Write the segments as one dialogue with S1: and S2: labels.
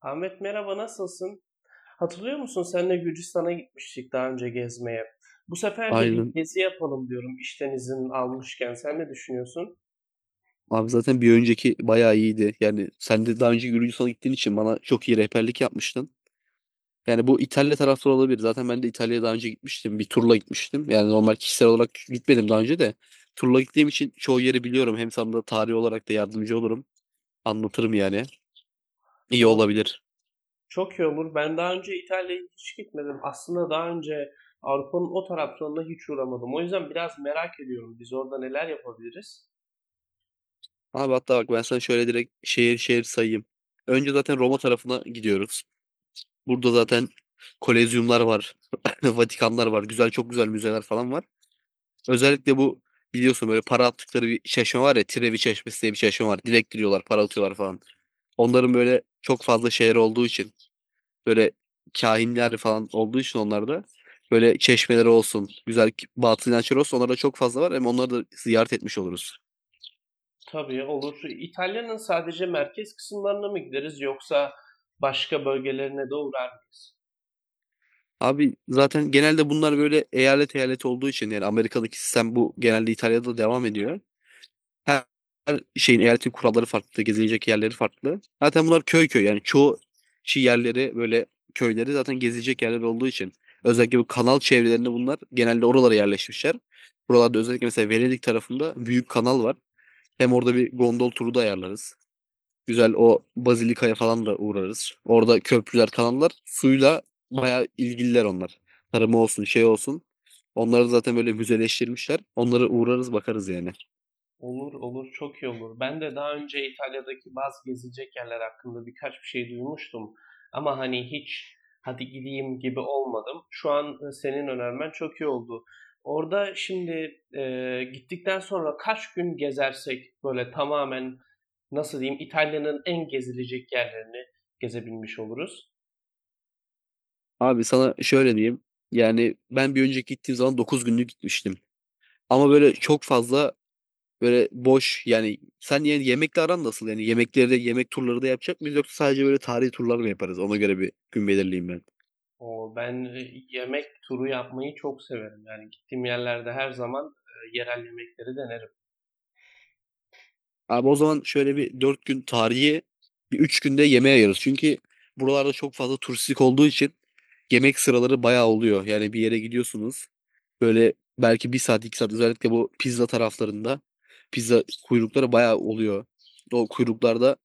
S1: Ahmet merhaba, nasılsın? Hatırlıyor musun, seninle Gürcistan'a gitmiştik daha önce gezmeye? Bu sefer de bir
S2: Aynen.
S1: gezi yapalım diyorum işten izin almışken. Sen ne düşünüyorsun?
S2: Abi zaten bir önceki bayağı iyiydi. Yani sen de daha önce Gürcistan'a gittiğin için bana çok iyi rehberlik yapmıştın. Yani bu İtalya taraftarı olabilir. Zaten ben de İtalya'ya daha önce gitmiştim. Bir turla gitmiştim. Yani normal kişisel olarak gitmedim daha önce de. Turla gittiğim için çoğu yeri biliyorum. Hem sana da tarih olarak da yardımcı olurum. Anlatırım yani. İyi
S1: O çok,
S2: olabilir.
S1: çok iyi olur. Ben daha önce İtalya'ya hiç gitmedim. Aslında daha önce Avrupa'nın o taraflarına hiç uğramadım. O yüzden biraz merak ediyorum, biz orada neler yapabiliriz?
S2: Abi hatta bak ben sana şöyle direkt şehir şehir sayayım. Önce zaten Roma tarafına gidiyoruz. Burada zaten kolezyumlar var. Vatikanlar var. Güzel çok güzel müzeler falan var. Özellikle bu biliyorsun böyle para attıkları bir çeşme var ya. Trevi Çeşmesi diye bir çeşme var. Dilek diliyorlar, para atıyorlar falan. Onların böyle çok fazla şehir olduğu için böyle kahinler falan olduğu için onlarda böyle çeşmeleri olsun, güzel batıl inançları olsun onlarda çok fazla var. Hem onları da ziyaret etmiş oluruz.
S1: Tabii, olur. İtalya'nın sadece merkez kısımlarına mı gideriz, yoksa başka bölgelerine de uğrar mıyız?
S2: Abi zaten genelde bunlar böyle eyalet eyalet olduğu için yani Amerika'daki sistem bu genelde İtalya'da devam ediyor. Her her şeyin eyaletin kuralları farklı, gezilecek yerleri farklı. Zaten bunlar köy köy yani çoğu şey yerleri böyle köyleri zaten gezilecek yerler olduğu için özellikle bu kanal çevrelerinde bunlar genelde oralara yerleşmişler. Buralarda özellikle mesela Venedik tarafında büyük kanal var. Hem orada bir gondol turu da ayarlarız. Güzel o Bazilika'ya falan da uğrarız. Orada köprüler, kanallar suyla bayağı ilgililer onlar. Tarımı olsun, şey olsun. Onları zaten böyle müzeleştirmişler. Onlara uğrarız bakarız yani.
S1: Olur olur, çok iyi olur. Ben de daha önce İtalya'daki bazı gezilecek yerler hakkında birkaç bir şey duymuştum. Ama hani hiç hadi gideyim gibi olmadım. Şu an senin önermen çok iyi oldu. Orada şimdi gittikten sonra kaç gün gezersek böyle tamamen, nasıl diyeyim, İtalya'nın en gezilecek yerlerini gezebilmiş oluruz.
S2: Abi sana şöyle diyeyim. Yani ben bir önceki gittiğim zaman 9 günlük gitmiştim. Ama böyle çok fazla böyle boş yani sen yani yemekle aran nasıl? Yani yemekleri de yemek turları da yapacak mıyız yoksa sadece böyle tarihi turlar mı yaparız? Ona göre bir gün belirleyeyim ben.
S1: O ben yemek turu yapmayı çok severim. Yani gittiğim yerlerde her zaman yerel yemekleri denerim.
S2: Abi o zaman şöyle bir 4 gün tarihi, bir 3 günde yemeğe ayırırız. Çünkü buralarda çok fazla turistik olduğu için yemek sıraları bayağı oluyor. Yani bir yere gidiyorsunuz. Böyle belki bir saat 2 saat özellikle bu pizza taraflarında pizza kuyrukları bayağı oluyor. O kuyruklarda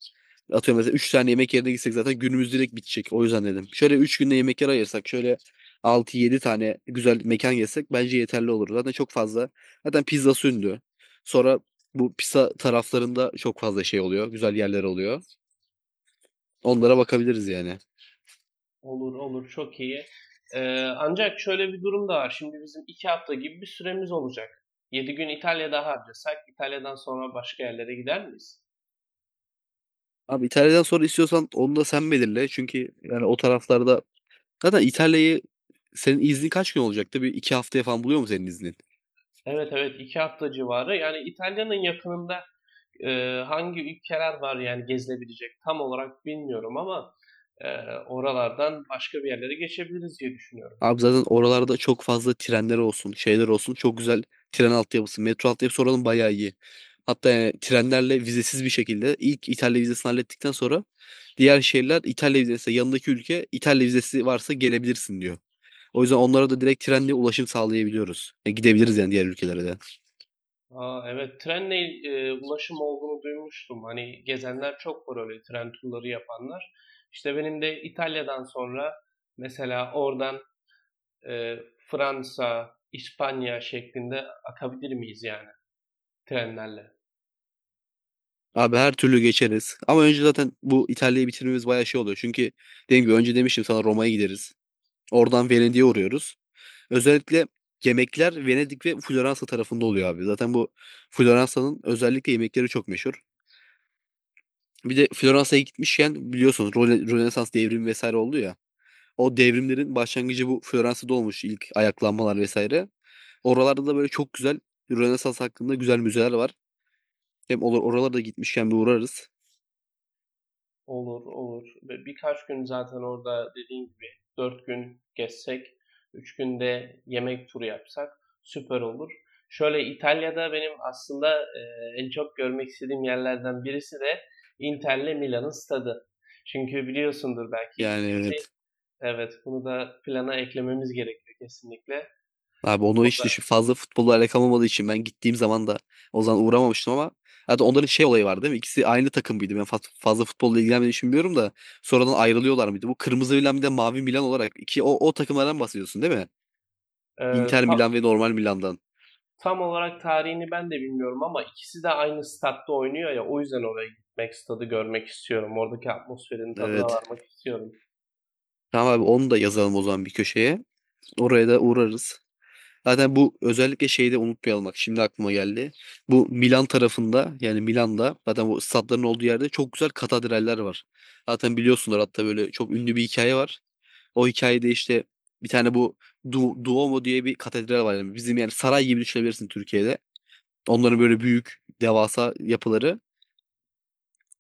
S2: atıyorum mesela 3 tane yemek yerine gitsek zaten günümüz direkt bitecek. O yüzden dedim. Şöyle 3 günde yemek yer ayırsak şöyle altı yedi tane güzel mekan yesek bence yeterli olur. Zaten çok fazla. Zaten pizza sündü. Sonra bu pizza taraflarında çok fazla şey oluyor. Güzel yerler oluyor. Onlara bakabiliriz yani.
S1: Olur olur, çok iyi. Ancak şöyle bir durum da var. Şimdi bizim iki hafta gibi bir süremiz olacak. Yedi gün İtalya'da harcasak, İtalya'dan sonra başka yerlere gider miyiz?
S2: Abi İtalya'dan sonra istiyorsan onu da sen belirle. Çünkü yani o taraflarda zaten İtalya'yı senin iznin kaç gün olacaktı? Bir 2 haftaya falan buluyor mu senin iznin?
S1: Evet evet, iki hafta civarı. Yani İtalya'nın yakınında e, hangi ülkeler var, yani gezilebilecek, tam olarak bilmiyorum ama e, oralardan başka bir yerlere geçebiliriz diye düşünüyorum.
S2: Abi zaten oralarda çok fazla trenler olsun, şeyler olsun. Çok güzel tren altyapısı, metro altyapısı oranın bayağı iyi. Hatta yani trenlerle vizesiz bir şekilde ilk İtalya vizesini hallettikten sonra diğer şehirler İtalya vizesi yanındaki ülke İtalya vizesi varsa gelebilirsin diyor. O yüzden onlara da direkt trenle ulaşım sağlayabiliyoruz. E, gidebiliriz yani diğer ülkelere de.
S1: Aa, evet, trenle ulaşım olduğunu duymuştum. Hani gezenler çok var, öyle tren turları yapanlar. İşte benim de İtalya'dan sonra mesela oradan Fransa, İspanya şeklinde akabilir miyiz yani trenlerle?
S2: Abi her türlü geçeriz. Ama önce zaten bu İtalya'yı bitirmemiz bayağı şey oluyor. Çünkü dediğim gibi önce demiştim sana Roma'ya gideriz. Oradan Venedik'e uğruyoruz. Özellikle yemekler Venedik ve Floransa tarafında oluyor abi. Zaten bu Floransa'nın özellikle yemekleri çok meşhur. Bir de Floransa'ya gitmişken biliyorsunuz Rönesans devrimi vesaire oldu ya. O devrimlerin başlangıcı bu Floransa'da olmuş ilk ayaklanmalar vesaire. Oralarda da böyle çok güzel Rönesans hakkında güzel müzeler var. Hem olur oralara da gitmişken bir uğrarız.
S1: Olur olur. Birkaç gün zaten orada, dediğin gibi 4 gün gezsek, 3 günde yemek turu yapsak süper olur. Şöyle İtalya'da benim aslında, en çok görmek istediğim yerlerden birisi de Inter'le Milan'ın stadı. Çünkü biliyorsundur, belki
S2: Yani
S1: ikisi.
S2: evet.
S1: Evet, bunu da plana eklememiz gerekiyor kesinlikle.
S2: Abi onu hiç düşün. Fazla futbolla alakam olmadığı için ben gittiğim zaman da o zaman uğramamıştım ama hatta onların şey olayı var değil mi? İkisi aynı takım mıydı? Ben fazla futbolla ilgilenmediğimi için bilmiyorum da sonradan ayrılıyorlar mıydı? Bu kırmızı Milan bir de mavi Milan olarak iki o takımlardan bahsediyorsun değil mi? Inter Milan ve normal Milan'dan.
S1: Tam olarak tarihini ben de bilmiyorum ama ikisi de aynı statta oynuyor ya, o yüzden oraya gitmek, stadı görmek istiyorum. Oradaki atmosferin tadına
S2: Evet.
S1: varmak istiyorum.
S2: Tamam abi onu da yazalım o zaman bir köşeye. Oraya da uğrarız. Zaten bu özellikle şeyde de unutmayalım bak şimdi aklıma geldi. Bu Milan tarafında yani Milan'da zaten bu stadların olduğu yerde çok güzel katedraller var. Zaten biliyorsunlar hatta böyle çok ünlü bir hikaye var. O hikayede işte bir tane bu Duomo diye bir katedral var. Yani bizim yani saray gibi düşünebilirsin Türkiye'de. Onların böyle büyük devasa yapıları.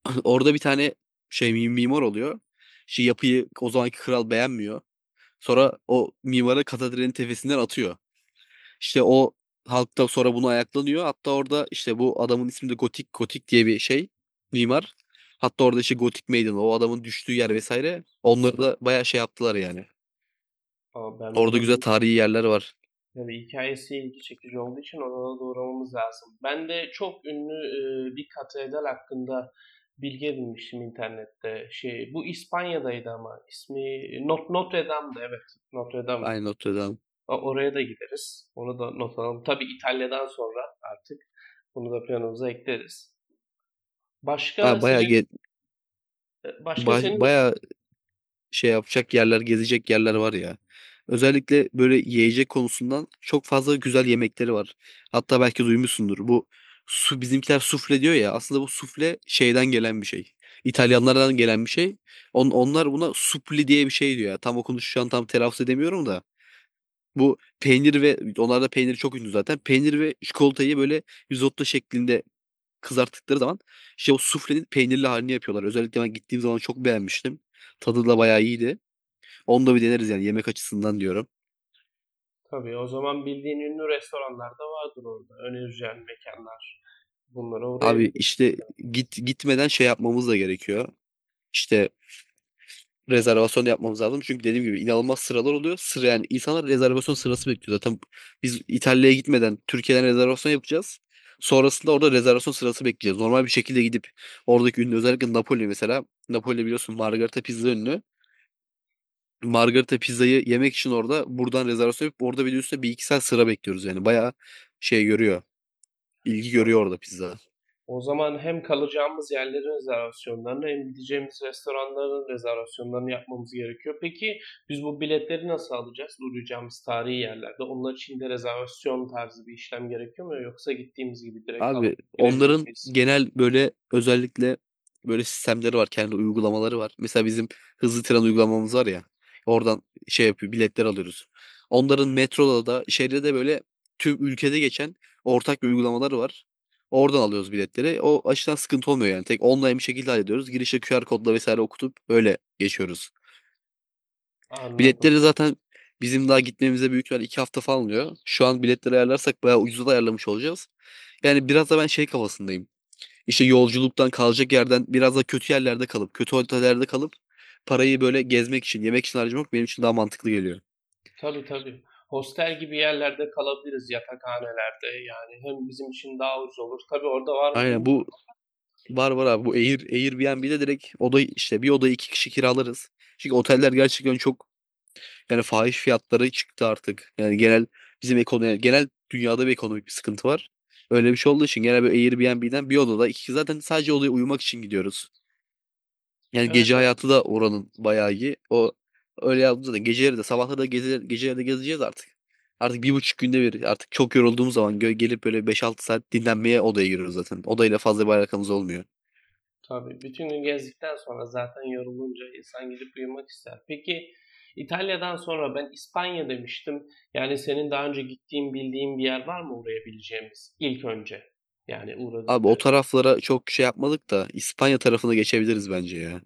S2: Orada bir tane şey mimar oluyor. Şey yapıyı o zamanki kral beğenmiyor. Sonra o mimarı katedralin tepesinden atıyor. İşte o halk da sonra bunu ayaklanıyor. Hatta orada işte bu adamın ismi de Gotik Gotik diye bir şey mimar. Hatta orada işte Gotik Meydanı o adamın düştüğü yer vesaire. Onları da bayağı şey yaptılar yani.
S1: Ama ben
S2: Orada
S1: bunu,
S2: güzel tarihi yerler var.
S1: tabii hikayesi ilgi çekici olduğu için oraya da uğramamız lazım. Ben de çok ünlü bir katedral hakkında bilgi edinmiştim internette. Şey, bu İspanya'daydı ama ismi Not Notre Dame'dı, evet. Notre Dame.
S2: Aynı Notre Dame.
S1: Oraya da gideriz. Onu da not alalım. Tabii İtalya'dan sonra artık bunu da planımıza ekleriz. Başka
S2: Ha,
S1: senin e, başka senin
S2: bayağı şey yapacak yerler, gezecek yerler var ya. Özellikle böyle yiyecek konusundan çok fazla güzel yemekleri var. Hatta belki duymuşsundur. Bu bizimkiler sufle diyor ya. Aslında bu sufle şeyden gelen bir şey. İtalyanlardan gelen bir şey. Onlar buna supli diye bir şey diyor ya. Tam okunuşu şu an tam telaffuz edemiyorum da. Bu peynir ve onlarda peynir çok ünlü zaten. Peynir ve çikolatayı böyle risotto şeklinde kızarttıkları zaman işte o suflenin peynirli halini yapıyorlar. Özellikle ben gittiğim zaman çok beğenmiştim. Tadı da bayağı iyiydi. Onu da bir deneriz yani yemek açısından diyorum.
S1: tabii, o zaman bildiğin ünlü restoranlar da vardır orada. Önereceğin mekanlar. Bunlara
S2: Abi
S1: uğrayabiliriz.
S2: işte gitmeden şey yapmamız da gerekiyor. İşte rezervasyon yapmamız lazım. Çünkü dediğim gibi inanılmaz sıralar oluyor. Sıra yani insanlar rezervasyon sırası bekliyor. Zaten biz İtalya'ya gitmeden Türkiye'den rezervasyon yapacağız. Sonrasında orada rezervasyon sırası bekleyeceğiz. Normal bir şekilde gidip oradaki ünlü özellikle Napoli mesela. Napoli biliyorsun Margherita pizza ünlü. Margherita pizzayı yemek için orada buradan rezervasyon yapıp orada bir de üstüne bir iki saat sıra bekliyoruz yani. Bayağı şey görüyor. İlgi görüyor orada pizza.
S1: O zaman hem kalacağımız yerlerin rezervasyonlarını hem gideceğimiz restoranların rezervasyonlarını yapmamız gerekiyor. Peki biz bu biletleri nasıl alacağız? Uğrayacağımız tarihi yerlerde onlar için de rezervasyon tarzı bir işlem gerekiyor mu? Yoksa gittiğimiz gibi direkt alıp
S2: Abi
S1: girebilir
S2: onların
S1: miyiz?
S2: genel böyle özellikle böyle sistemleri var. Kendi uygulamaları var. Mesela bizim hızlı tren uygulamamız var ya. Oradan şey yapıyor biletler alıyoruz. Onların metroda da şehirde de böyle tüm ülkede geçen ortak bir uygulamaları var. Oradan alıyoruz biletleri. O açıdan sıkıntı olmuyor yani. Tek online bir şekilde hallediyoruz. Girişe QR kodla vesaire okutup öyle geçiyoruz.
S1: Anladım.
S2: Biletleri zaten bizim daha gitmemize büyük ihtimal 2 hafta falan oluyor. Şu an biletleri ayarlarsak bayağı ucuza da ayarlamış olacağız. Yani biraz da ben şey kafasındayım. İşte yolculuktan, kalacak yerden, biraz da kötü yerlerde kalıp, kötü otellerde kalıp parayı böyle gezmek için, yemek için harcamak benim için daha mantıklı geliyor.
S1: Tabii tabii. Hostel gibi yerlerde kalabiliriz, yatakhanelerde. Yani hem bizim için daha ucuz olur. Tabii orada var mı,
S2: Aynen
S1: bilmiyorum.
S2: bu var var abi. Bu Airbnb'de direkt oda işte bir odayı iki kişi kiralarız. Çünkü oteller gerçekten çok yani fahiş fiyatları çıktı artık. Yani genel bizim ekonomi yani genel dünyada bir ekonomik bir sıkıntı var. Öyle bir şey olduğu için genel böyle Airbnb'den bir odada iki zaten sadece odaya uyumak için gidiyoruz. Yani gece hayatı da oranın bayağı iyi. O öyle yaptığımızda da geceleri de sabahları da gezer, geceleri de gezeceğiz artık. Artık 1,5 günde bir artık çok yorulduğumuz zaman gelip böyle 5-6 saat dinlenmeye odaya giriyoruz zaten. Odayla fazla bir alakamız olmuyor.
S1: Tabii. Bütün gün gezdikten sonra zaten yorulunca insan gidip uyumak ister. Peki İtalya'dan sonra ben İspanya demiştim. Yani senin daha önce gittiğin, bildiğin bir yer var mı uğrayabileceğimiz ilk önce? Yani uğra
S2: Abi o taraflara çok şey yapmadık da İspanya tarafına geçebiliriz bence ya.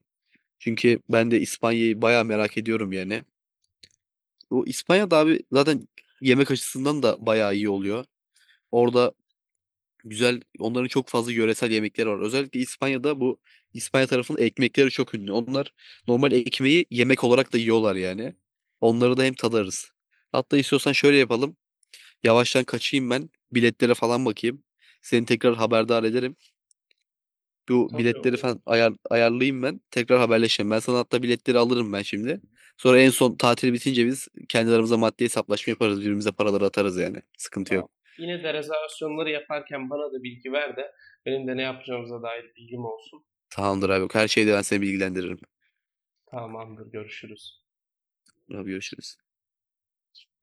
S2: Çünkü ben de İspanya'yı bayağı merak ediyorum yani. O İspanya'da abi zaten yemek açısından da bayağı iyi oluyor. Orada güzel onların çok fazla yöresel yemekleri var. Özellikle İspanya'da bu İspanya tarafının ekmekleri çok ünlü. Onlar normal ekmeği yemek olarak da yiyorlar yani. Onları da hem tadarız. Hatta istiyorsan şöyle yapalım. Yavaştan kaçayım ben. Biletlere falan bakayım. Seni tekrar haberdar ederim. Bu
S1: tabii,
S2: biletleri
S1: olur,
S2: falan ayarlayayım ben. Tekrar haberleşelim. Ben sana hatta biletleri alırım ben şimdi. Sonra en son tatil bitince biz kendi aramızda maddi hesaplaşma yaparız. Birbirimize paraları atarız yani. Sıkıntı yok.
S1: tamam. Yine de rezervasyonları yaparken bana da bilgi ver de benim de ne yapacağımıza dair bilgim olsun.
S2: Tamamdır abi. Her şeyde ben seni bilgilendiririm.
S1: Tamamdır, görüşürüz.
S2: Abi görüşürüz.